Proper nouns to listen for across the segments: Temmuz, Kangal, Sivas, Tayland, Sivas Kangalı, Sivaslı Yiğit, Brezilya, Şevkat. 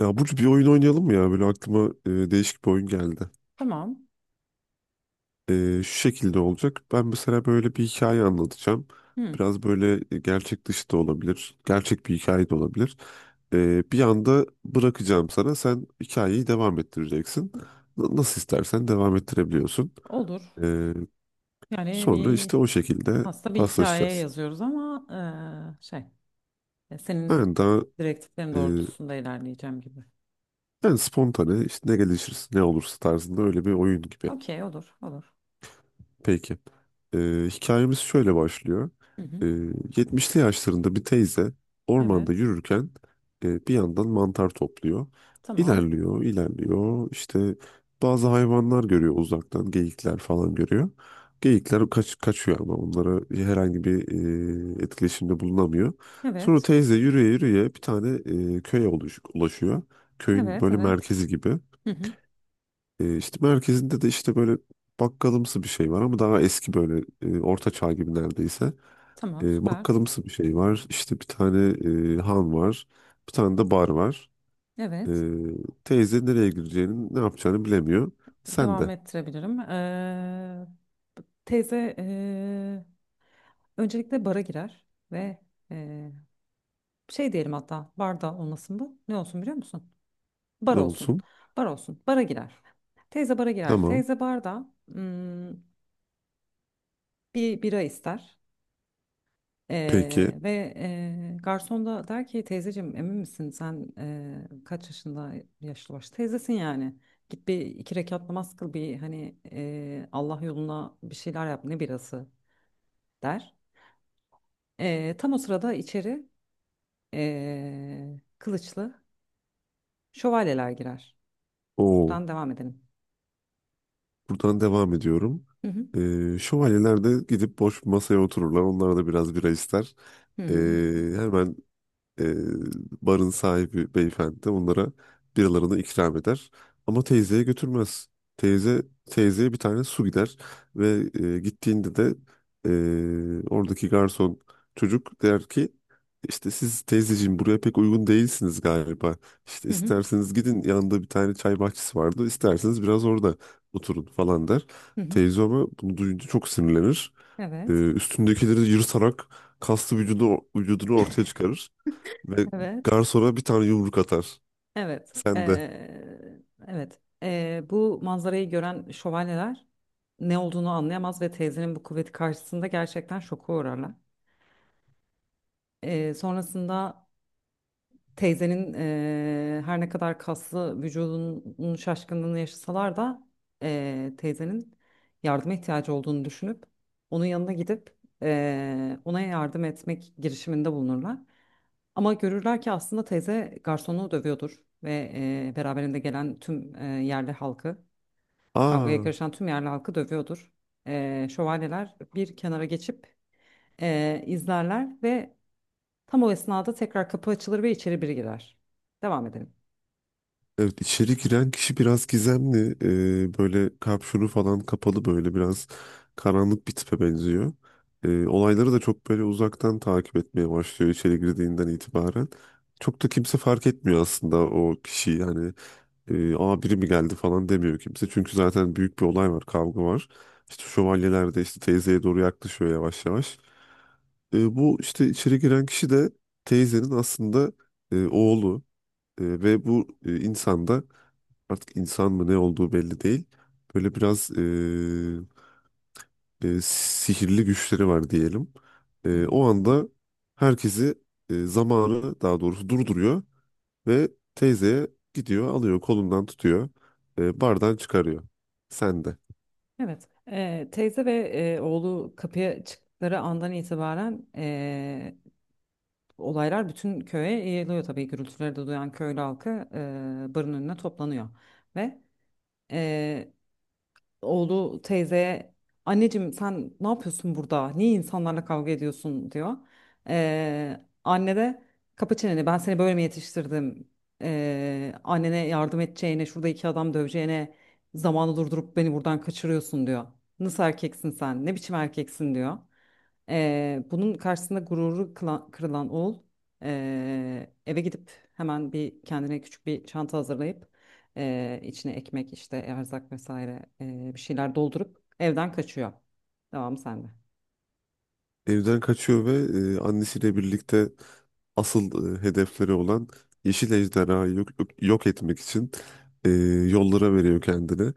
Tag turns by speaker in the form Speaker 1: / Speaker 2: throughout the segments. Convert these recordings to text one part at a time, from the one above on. Speaker 1: Ya Burcu bir oyun oynayalım mı ya? Böyle aklıma değişik bir oyun geldi.
Speaker 2: Tamam.
Speaker 1: E, Şu şekilde olacak. Ben mesela böyle bir hikaye anlatacağım.
Speaker 2: Hı,
Speaker 1: Biraz böyle gerçek dışı da olabilir. Gerçek bir hikaye de olabilir. Bir anda bırakacağım sana. Sen hikayeyi devam ettireceksin. Nasıl istersen devam ettirebiliyorsun.
Speaker 2: olur.
Speaker 1: E,
Speaker 2: Yani
Speaker 1: Sonra işte o şekilde
Speaker 2: aslında bir hikaye
Speaker 1: paslaşacağız.
Speaker 2: yazıyoruz ama şey
Speaker 1: Yani
Speaker 2: senin
Speaker 1: daha
Speaker 2: direktiflerin
Speaker 1: e,
Speaker 2: doğrultusunda ilerleyeceğim gibi.
Speaker 1: yani spontane işte ne gelişirse ne olursa tarzında öyle bir oyun gibi.
Speaker 2: Okey, olur olur.
Speaker 1: Peki. Ee, Hikayemiz şöyle başlıyor.
Speaker 2: Hı hı.
Speaker 1: Ee, 70'li yaşlarında bir teyze ormanda
Speaker 2: Evet.
Speaker 1: yürürken bir yandan mantar topluyor.
Speaker 2: Tamam.
Speaker 1: İlerliyor, ilerliyor. İşte bazı hayvanlar görüyor uzaktan, geyikler falan görüyor. Geyikler kaçıyor ama onlara herhangi bir etkileşimde bulunamıyor. Sonra
Speaker 2: Evet.
Speaker 1: teyze yürüye yürüye bir tane köye ulaşıyor. Köyün
Speaker 2: Evet
Speaker 1: böyle
Speaker 2: evet.
Speaker 1: merkezi gibi.
Speaker 2: Hı hı.
Speaker 1: İşte merkezinde de işte böyle bakkalımsı bir şey var ama daha eski böyle orta çağ gibi neredeyse.
Speaker 2: Tamam, süper.
Speaker 1: Bakkalımsı bir şey var. İşte bir tane han var. Bir tane de bar var. E,
Speaker 2: Evet.
Speaker 1: Teyze nereye gireceğini ne yapacağını bilemiyor. Sen
Speaker 2: Devam
Speaker 1: de
Speaker 2: ettirebilirim. Teyze öncelikle bara girer ve eee, şey diyelim, hatta barda olmasın bu. Ne olsun biliyor musun? Bar
Speaker 1: ne
Speaker 2: olsun.
Speaker 1: olsun?
Speaker 2: Bar olsun. Bara girer. Teyze bara girer.
Speaker 1: Tamam.
Speaker 2: Teyze barda bir bira ister.
Speaker 1: Peki.
Speaker 2: Ve garson da der ki teyzeciğim, emin misin sen, kaç yaşında yaşlı baş teyzesin, yani git bir iki rekat namaz kıl, bir hani Allah yoluna bir şeyler yap, ne birası der. Tam o sırada içeri kılıçlı şövalyeler girer.
Speaker 1: O
Speaker 2: Buradan devam edelim.
Speaker 1: buradan devam ediyorum.
Speaker 2: Hı hı.
Speaker 1: Şövalyeler de gidip boş bir masaya otururlar. Onlar da biraz bira ister.
Speaker 2: Hı
Speaker 1: E,
Speaker 2: hı hı hı.
Speaker 1: Hemen e, barın sahibi beyefendi de onlara biralarını ikram eder. Ama teyzeye götürmez. Teyze Teyzeye bir tane su gider ve gittiğinde de oradaki garson çocuk der ki işte siz teyzeciğim buraya pek uygun değilsiniz galiba. İşte
Speaker 2: Hı hı.
Speaker 1: isterseniz gidin yanında bir tane çay bahçesi vardı. İsterseniz biraz orada oturun falan der.
Speaker 2: Hı hı.
Speaker 1: Teyze ama bunu duyunca çok sinirlenir.
Speaker 2: Evet.
Speaker 1: Üstündekileri yırtarak kaslı vücudunu ortaya çıkarır. Ve
Speaker 2: Evet,
Speaker 1: garsona bir tane yumruk atar.
Speaker 2: evet,
Speaker 1: Sen de.
Speaker 2: evet. Bu manzarayı gören şövalyeler ne olduğunu anlayamaz ve teyzenin bu kuvveti karşısında gerçekten şoka uğrarlar. Sonrasında teyzenin, her ne kadar kaslı vücudunun şaşkınlığını yaşasalar da, teyzenin yardıma ihtiyacı olduğunu düşünüp onun yanına gidip ona yardım etmek girişiminde bulunurlar. Ama görürler ki aslında teyze garsonu dövüyordur ve beraberinde gelen tüm, yerli halkı, kavgaya
Speaker 1: Aa,
Speaker 2: karışan tüm yerli halkı dövüyordur. Şövalyeler bir kenara geçip izlerler ve tam o esnada tekrar kapı açılır ve içeri biri girer. Devam edelim.
Speaker 1: evet içeri giren kişi biraz gizemli. Böyle kapşonu falan kapalı böyle biraz karanlık bir tipe benziyor. Olayları da çok böyle uzaktan takip etmeye başlıyor içeri girdiğinden itibaren. Çok da kimse fark etmiyor aslında o kişiyi. Yani aa biri mi geldi falan demiyor kimse. Çünkü zaten büyük bir olay var, kavga var. İşte şövalyeler de işte teyzeye doğru yaklaşıyor yavaş yavaş. Bu işte içeri giren kişi de teyzenin aslında oğlu. Ve bu insan da artık insan mı ne olduğu belli değil. Böyle biraz sihirli güçleri var diyelim.
Speaker 2: Hı hı.
Speaker 1: O anda herkesi zamanı daha doğrusu durduruyor ve teyzeye gidiyor alıyor kolundan tutuyor bardan çıkarıyor. Sen de.
Speaker 2: Evet. Teyze ve oğlu kapıya çıktıkları andan itibaren olaylar bütün köye yayılıyor tabii. Gürültüleri de duyan köylü halkı barın önüne toplanıyor ve. Eee, oğlu teyzeye anneciğim sen ne yapıyorsun burada? Niye insanlarla kavga ediyorsun, diyor. Anne de kapı çeneni, ben seni böyle mi yetiştirdim? Annene yardım edeceğine, şurada iki adam döveceğine, zamanı durdurup beni buradan kaçırıyorsun, diyor. Nasıl erkeksin sen? Ne biçim erkeksin, diyor. Bunun karşısında gururu kırılan oğul eve gidip hemen bir kendine küçük bir çanta hazırlayıp içine ekmek, işte erzak vesaire, bir şeyler doldurup evden kaçıyor. Devam sende.
Speaker 1: Evden kaçıyor ve annesiyle birlikte asıl hedefleri olan Yeşil Ejderha'yı yok etmek için e, yollara veriyor kendini.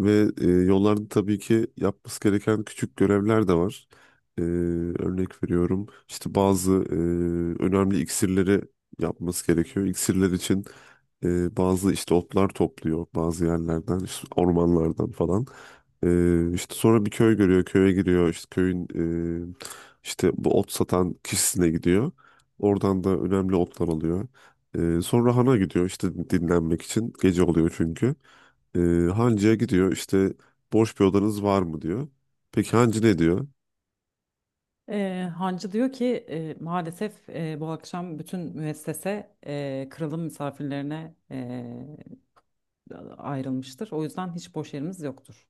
Speaker 1: Ve yollarda tabii ki yapması gereken küçük görevler de var. Örnek veriyorum işte bazı önemli iksirleri yapması gerekiyor. İksirler için bazı işte otlar topluyor bazı yerlerden, işte ormanlardan falan. İşte sonra bir köy görüyor, köye giriyor. İşte köyün e, işte bu ot satan kişisine gidiyor. Oradan da önemli otlar alıyor. Sonra hana gidiyor işte dinlenmek için. Gece oluyor çünkü. Ee, Hancıya gidiyor işte boş bir odanız var mı diyor. Peki hancı ne diyor?
Speaker 2: Hancı diyor ki maalesef bu akşam bütün müessese kralın misafirlerine ayrılmıştır. O yüzden hiç boş yerimiz yoktur.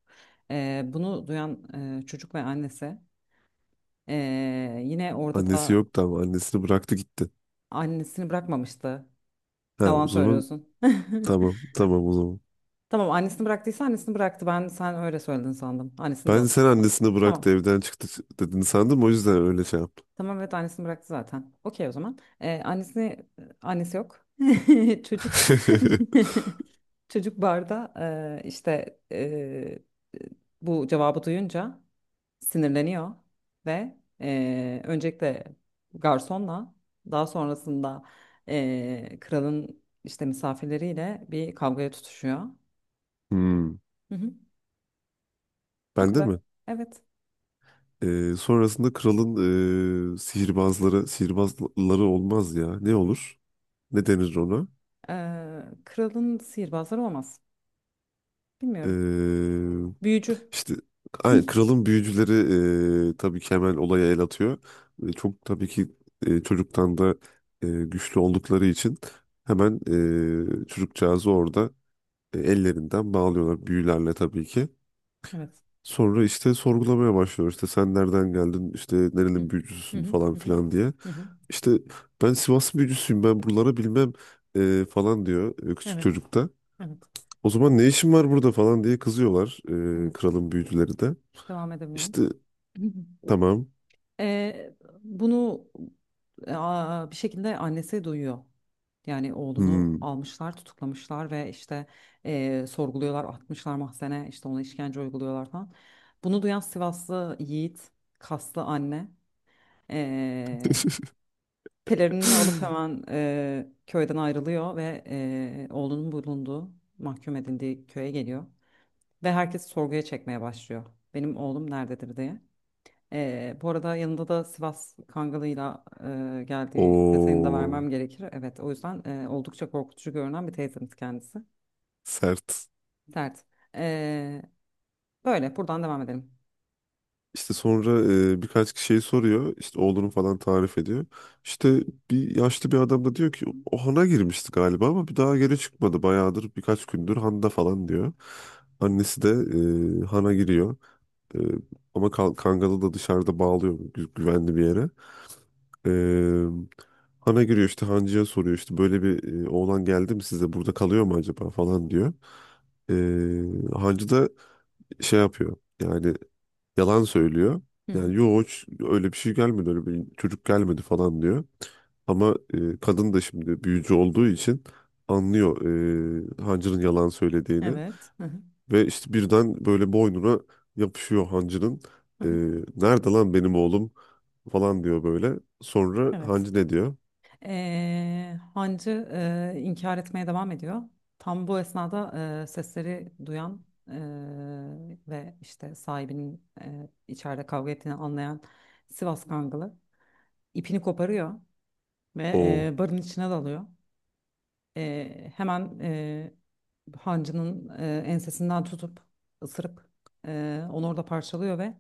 Speaker 2: Bunu duyan çocuk ve annesi e, yine orada
Speaker 1: Annesi
Speaker 2: da.
Speaker 1: yoktu ama annesini bıraktı gitti.
Speaker 2: Annesini bırakmamıştı.
Speaker 1: Ha
Speaker 2: Yalan
Speaker 1: o zaman
Speaker 2: söylüyorsun.
Speaker 1: tamam o zaman.
Speaker 2: Tamam, annesini bıraktıysa annesini bıraktı. Ben, sen öyle söyledin sandım. Annesini de alıp
Speaker 1: Sen
Speaker 2: gitti sandım.
Speaker 1: annesini
Speaker 2: Tamam.
Speaker 1: bıraktı evden çıktı dedin sandım o yüzden öyle şey yaptım.
Speaker 2: Tamam, evet, annesini bıraktı zaten. Okey, o zaman. Annesi yok. Çocuk. Çocuk barda işte, bu cevabı duyunca sinirleniyor ve öncelikle garsonla, daha sonrasında kralın işte misafirleriyle bir kavgaya tutuşuyor.
Speaker 1: Hmm.
Speaker 2: Hı hı, bu
Speaker 1: Ben de
Speaker 2: kadar.
Speaker 1: mi?
Speaker 2: Evet.
Speaker 1: Sonrasında kralın sihirbazları olmaz ya. Ne olur? Ne denir ona?
Speaker 2: Kralın sihirbazları olmaz. Bilmiyorum.
Speaker 1: Ee,
Speaker 2: Büyücü.
Speaker 1: işte aynen, kralın büyücüleri tabii ki hemen olaya el atıyor. Çok tabii ki çocuktan da güçlü oldukları için hemen çocukcağızı orada ellerinden bağlıyorlar büyülerle tabii ki.
Speaker 2: Evet.
Speaker 1: Sonra işte sorgulamaya başlıyor. İşte sen nereden geldin? İşte
Speaker 2: Hı hı,
Speaker 1: nerenin
Speaker 2: hı
Speaker 1: büyücüsün
Speaker 2: hı,
Speaker 1: falan
Speaker 2: hı hı,
Speaker 1: filan diye.
Speaker 2: hı hı.
Speaker 1: İşte ben Sivas büyücüsüyüm ben buraları bilmem falan diyor küçük
Speaker 2: Evet.
Speaker 1: çocukta.
Speaker 2: Evet.
Speaker 1: O zaman ne işin var burada falan diye kızıyorlar
Speaker 2: Evet.
Speaker 1: kralın büyücüleri de.
Speaker 2: Devam edebilirim.
Speaker 1: İşte tamam.
Speaker 2: Ee, bunu aa, bir şekilde annesi duyuyor. Yani oğlunu
Speaker 1: Hmm.
Speaker 2: almışlar, tutuklamışlar ve işte sorguluyorlar, atmışlar mahzene, işte ona işkence uyguluyorlar falan. Bunu duyan Sivaslı Yiğit, kaslı anne, eee pelerinini alıp hemen köyden ayrılıyor ve oğlunun bulunduğu, mahkum edildiği köye geliyor. Ve herkes sorguya çekmeye başlıyor. Benim oğlum nerededir diye. Bu arada yanında da Sivas Kangalı'yla geldiği detayını da
Speaker 1: O
Speaker 2: vermem gerekir. Evet, o yüzden oldukça korkutucu görünen bir teyzemiz kendisi.
Speaker 1: sert.
Speaker 2: Dert. Ee, böyle, buradan devam edelim.
Speaker 1: İşte sonra birkaç kişiyi soruyor. İşte oğlunu falan tarif ediyor. İşte bir yaşlı bir adam da diyor ki o hana girmişti galiba ama bir daha geri çıkmadı. Bayağıdır birkaç gündür handa falan diyor. Annesi de hana giriyor. Ee, Ama Kangal'ı da dışarıda bağlıyor güvenli bir yere. Ee, Hana giriyor işte Hancı'ya soruyor işte böyle bir oğlan geldi mi size burada kalıyor mu acaba falan diyor. Hancı da şey yapıyor yani yalan söylüyor.
Speaker 2: Hı hı.
Speaker 1: Yani yok hiç öyle bir şey gelmedi öyle bir çocuk gelmedi falan diyor. Ama kadın da şimdi büyücü olduğu için anlıyor Hancı'nın yalan söylediğini.
Speaker 2: Evet. Hı hı.
Speaker 1: Ve işte birden böyle boynuna yapışıyor hancının.
Speaker 2: Hı
Speaker 1: Ee,
Speaker 2: hı.
Speaker 1: Nerede lan benim oğlum falan diyor böyle. Sonra
Speaker 2: Evet.
Speaker 1: hancı ne diyor?
Speaker 2: Hancı inkar etmeye devam ediyor. Tam bu esnada sesleri duyan, ve işte sahibinin içeride kavga ettiğini anlayan Sivas Kangalı ipini koparıyor ve
Speaker 1: O.
Speaker 2: barın içine dalıyor. Hemen hancının ensesinden tutup ısırıp onu orada parçalıyor ve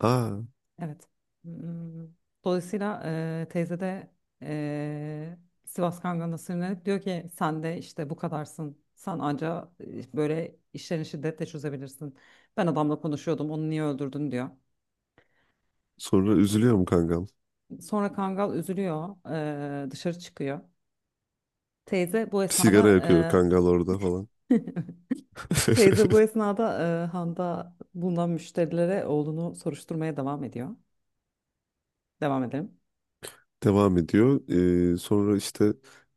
Speaker 1: Aa.
Speaker 2: evet. Hmm, Dolayısıyla teyze de e, Sivas Kangan'da sinirlenip diyor ki sen de işte bu kadarsın. Sen anca böyle işlerini şiddetle çözebilirsin. Ben adamla konuşuyordum, onu niye öldürdün, diyor.
Speaker 1: Sonra üzülüyor mu kangal?
Speaker 2: Sonra Kangal üzülüyor, dışarı çıkıyor. Teyze bu
Speaker 1: Bir
Speaker 2: esnada
Speaker 1: sigara yakıyor kangal orada falan.
Speaker 2: e, Teyze bu esnada handa bulunan müşterilere oğlunu soruşturmaya devam ediyor. Devam edelim.
Speaker 1: devam ediyor. Sonra işte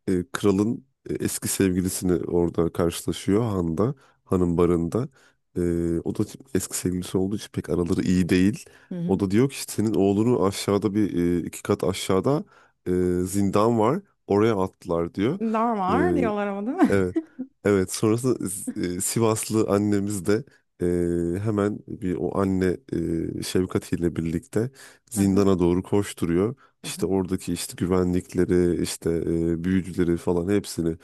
Speaker 1: kralın eski sevgilisini orada karşılaşıyor Han'da, Han'ın barında. O da eski sevgilisi olduğu için pek araları iyi değil.
Speaker 2: Hı hı.
Speaker 1: O da diyor ki işte senin oğlunu aşağıda bir iki kat aşağıda e, zindan var. Oraya attılar diyor.
Speaker 2: Normal diyorlar ama, değil mi?
Speaker 1: Evet. Evet. Sonrasında Sivaslı annemiz de hemen bir o anne Şevkat ile birlikte
Speaker 2: Hı hı,
Speaker 1: zindana doğru koşturuyor.
Speaker 2: hı
Speaker 1: İşte
Speaker 2: hı,
Speaker 1: oradaki işte güvenlikleri, işte büyücüleri falan hepsini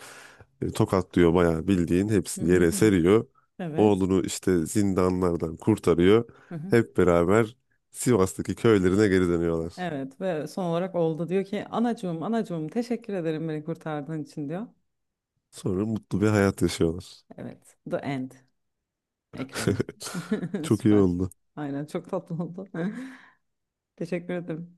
Speaker 1: tokatlıyor bayağı bildiğin
Speaker 2: hı hı,
Speaker 1: hepsini yere
Speaker 2: hı hı.
Speaker 1: seriyor.
Speaker 2: Evet.
Speaker 1: Oğlunu işte zindanlardan kurtarıyor.
Speaker 2: Hı hı.
Speaker 1: Hep beraber Sivas'taki köylerine geri dönüyorlar.
Speaker 2: Evet, ve son olarak oğlu da diyor ki anacığım, anacığım teşekkür ederim beni kurtardığın için, diyor.
Speaker 1: Sonra mutlu bir hayat yaşıyorlar.
Speaker 2: Evet. "The End" ekranı.
Speaker 1: Çok iyi
Speaker 2: Süper.
Speaker 1: oldu.
Speaker 2: Aynen, çok tatlı oldu. Teşekkür ederim.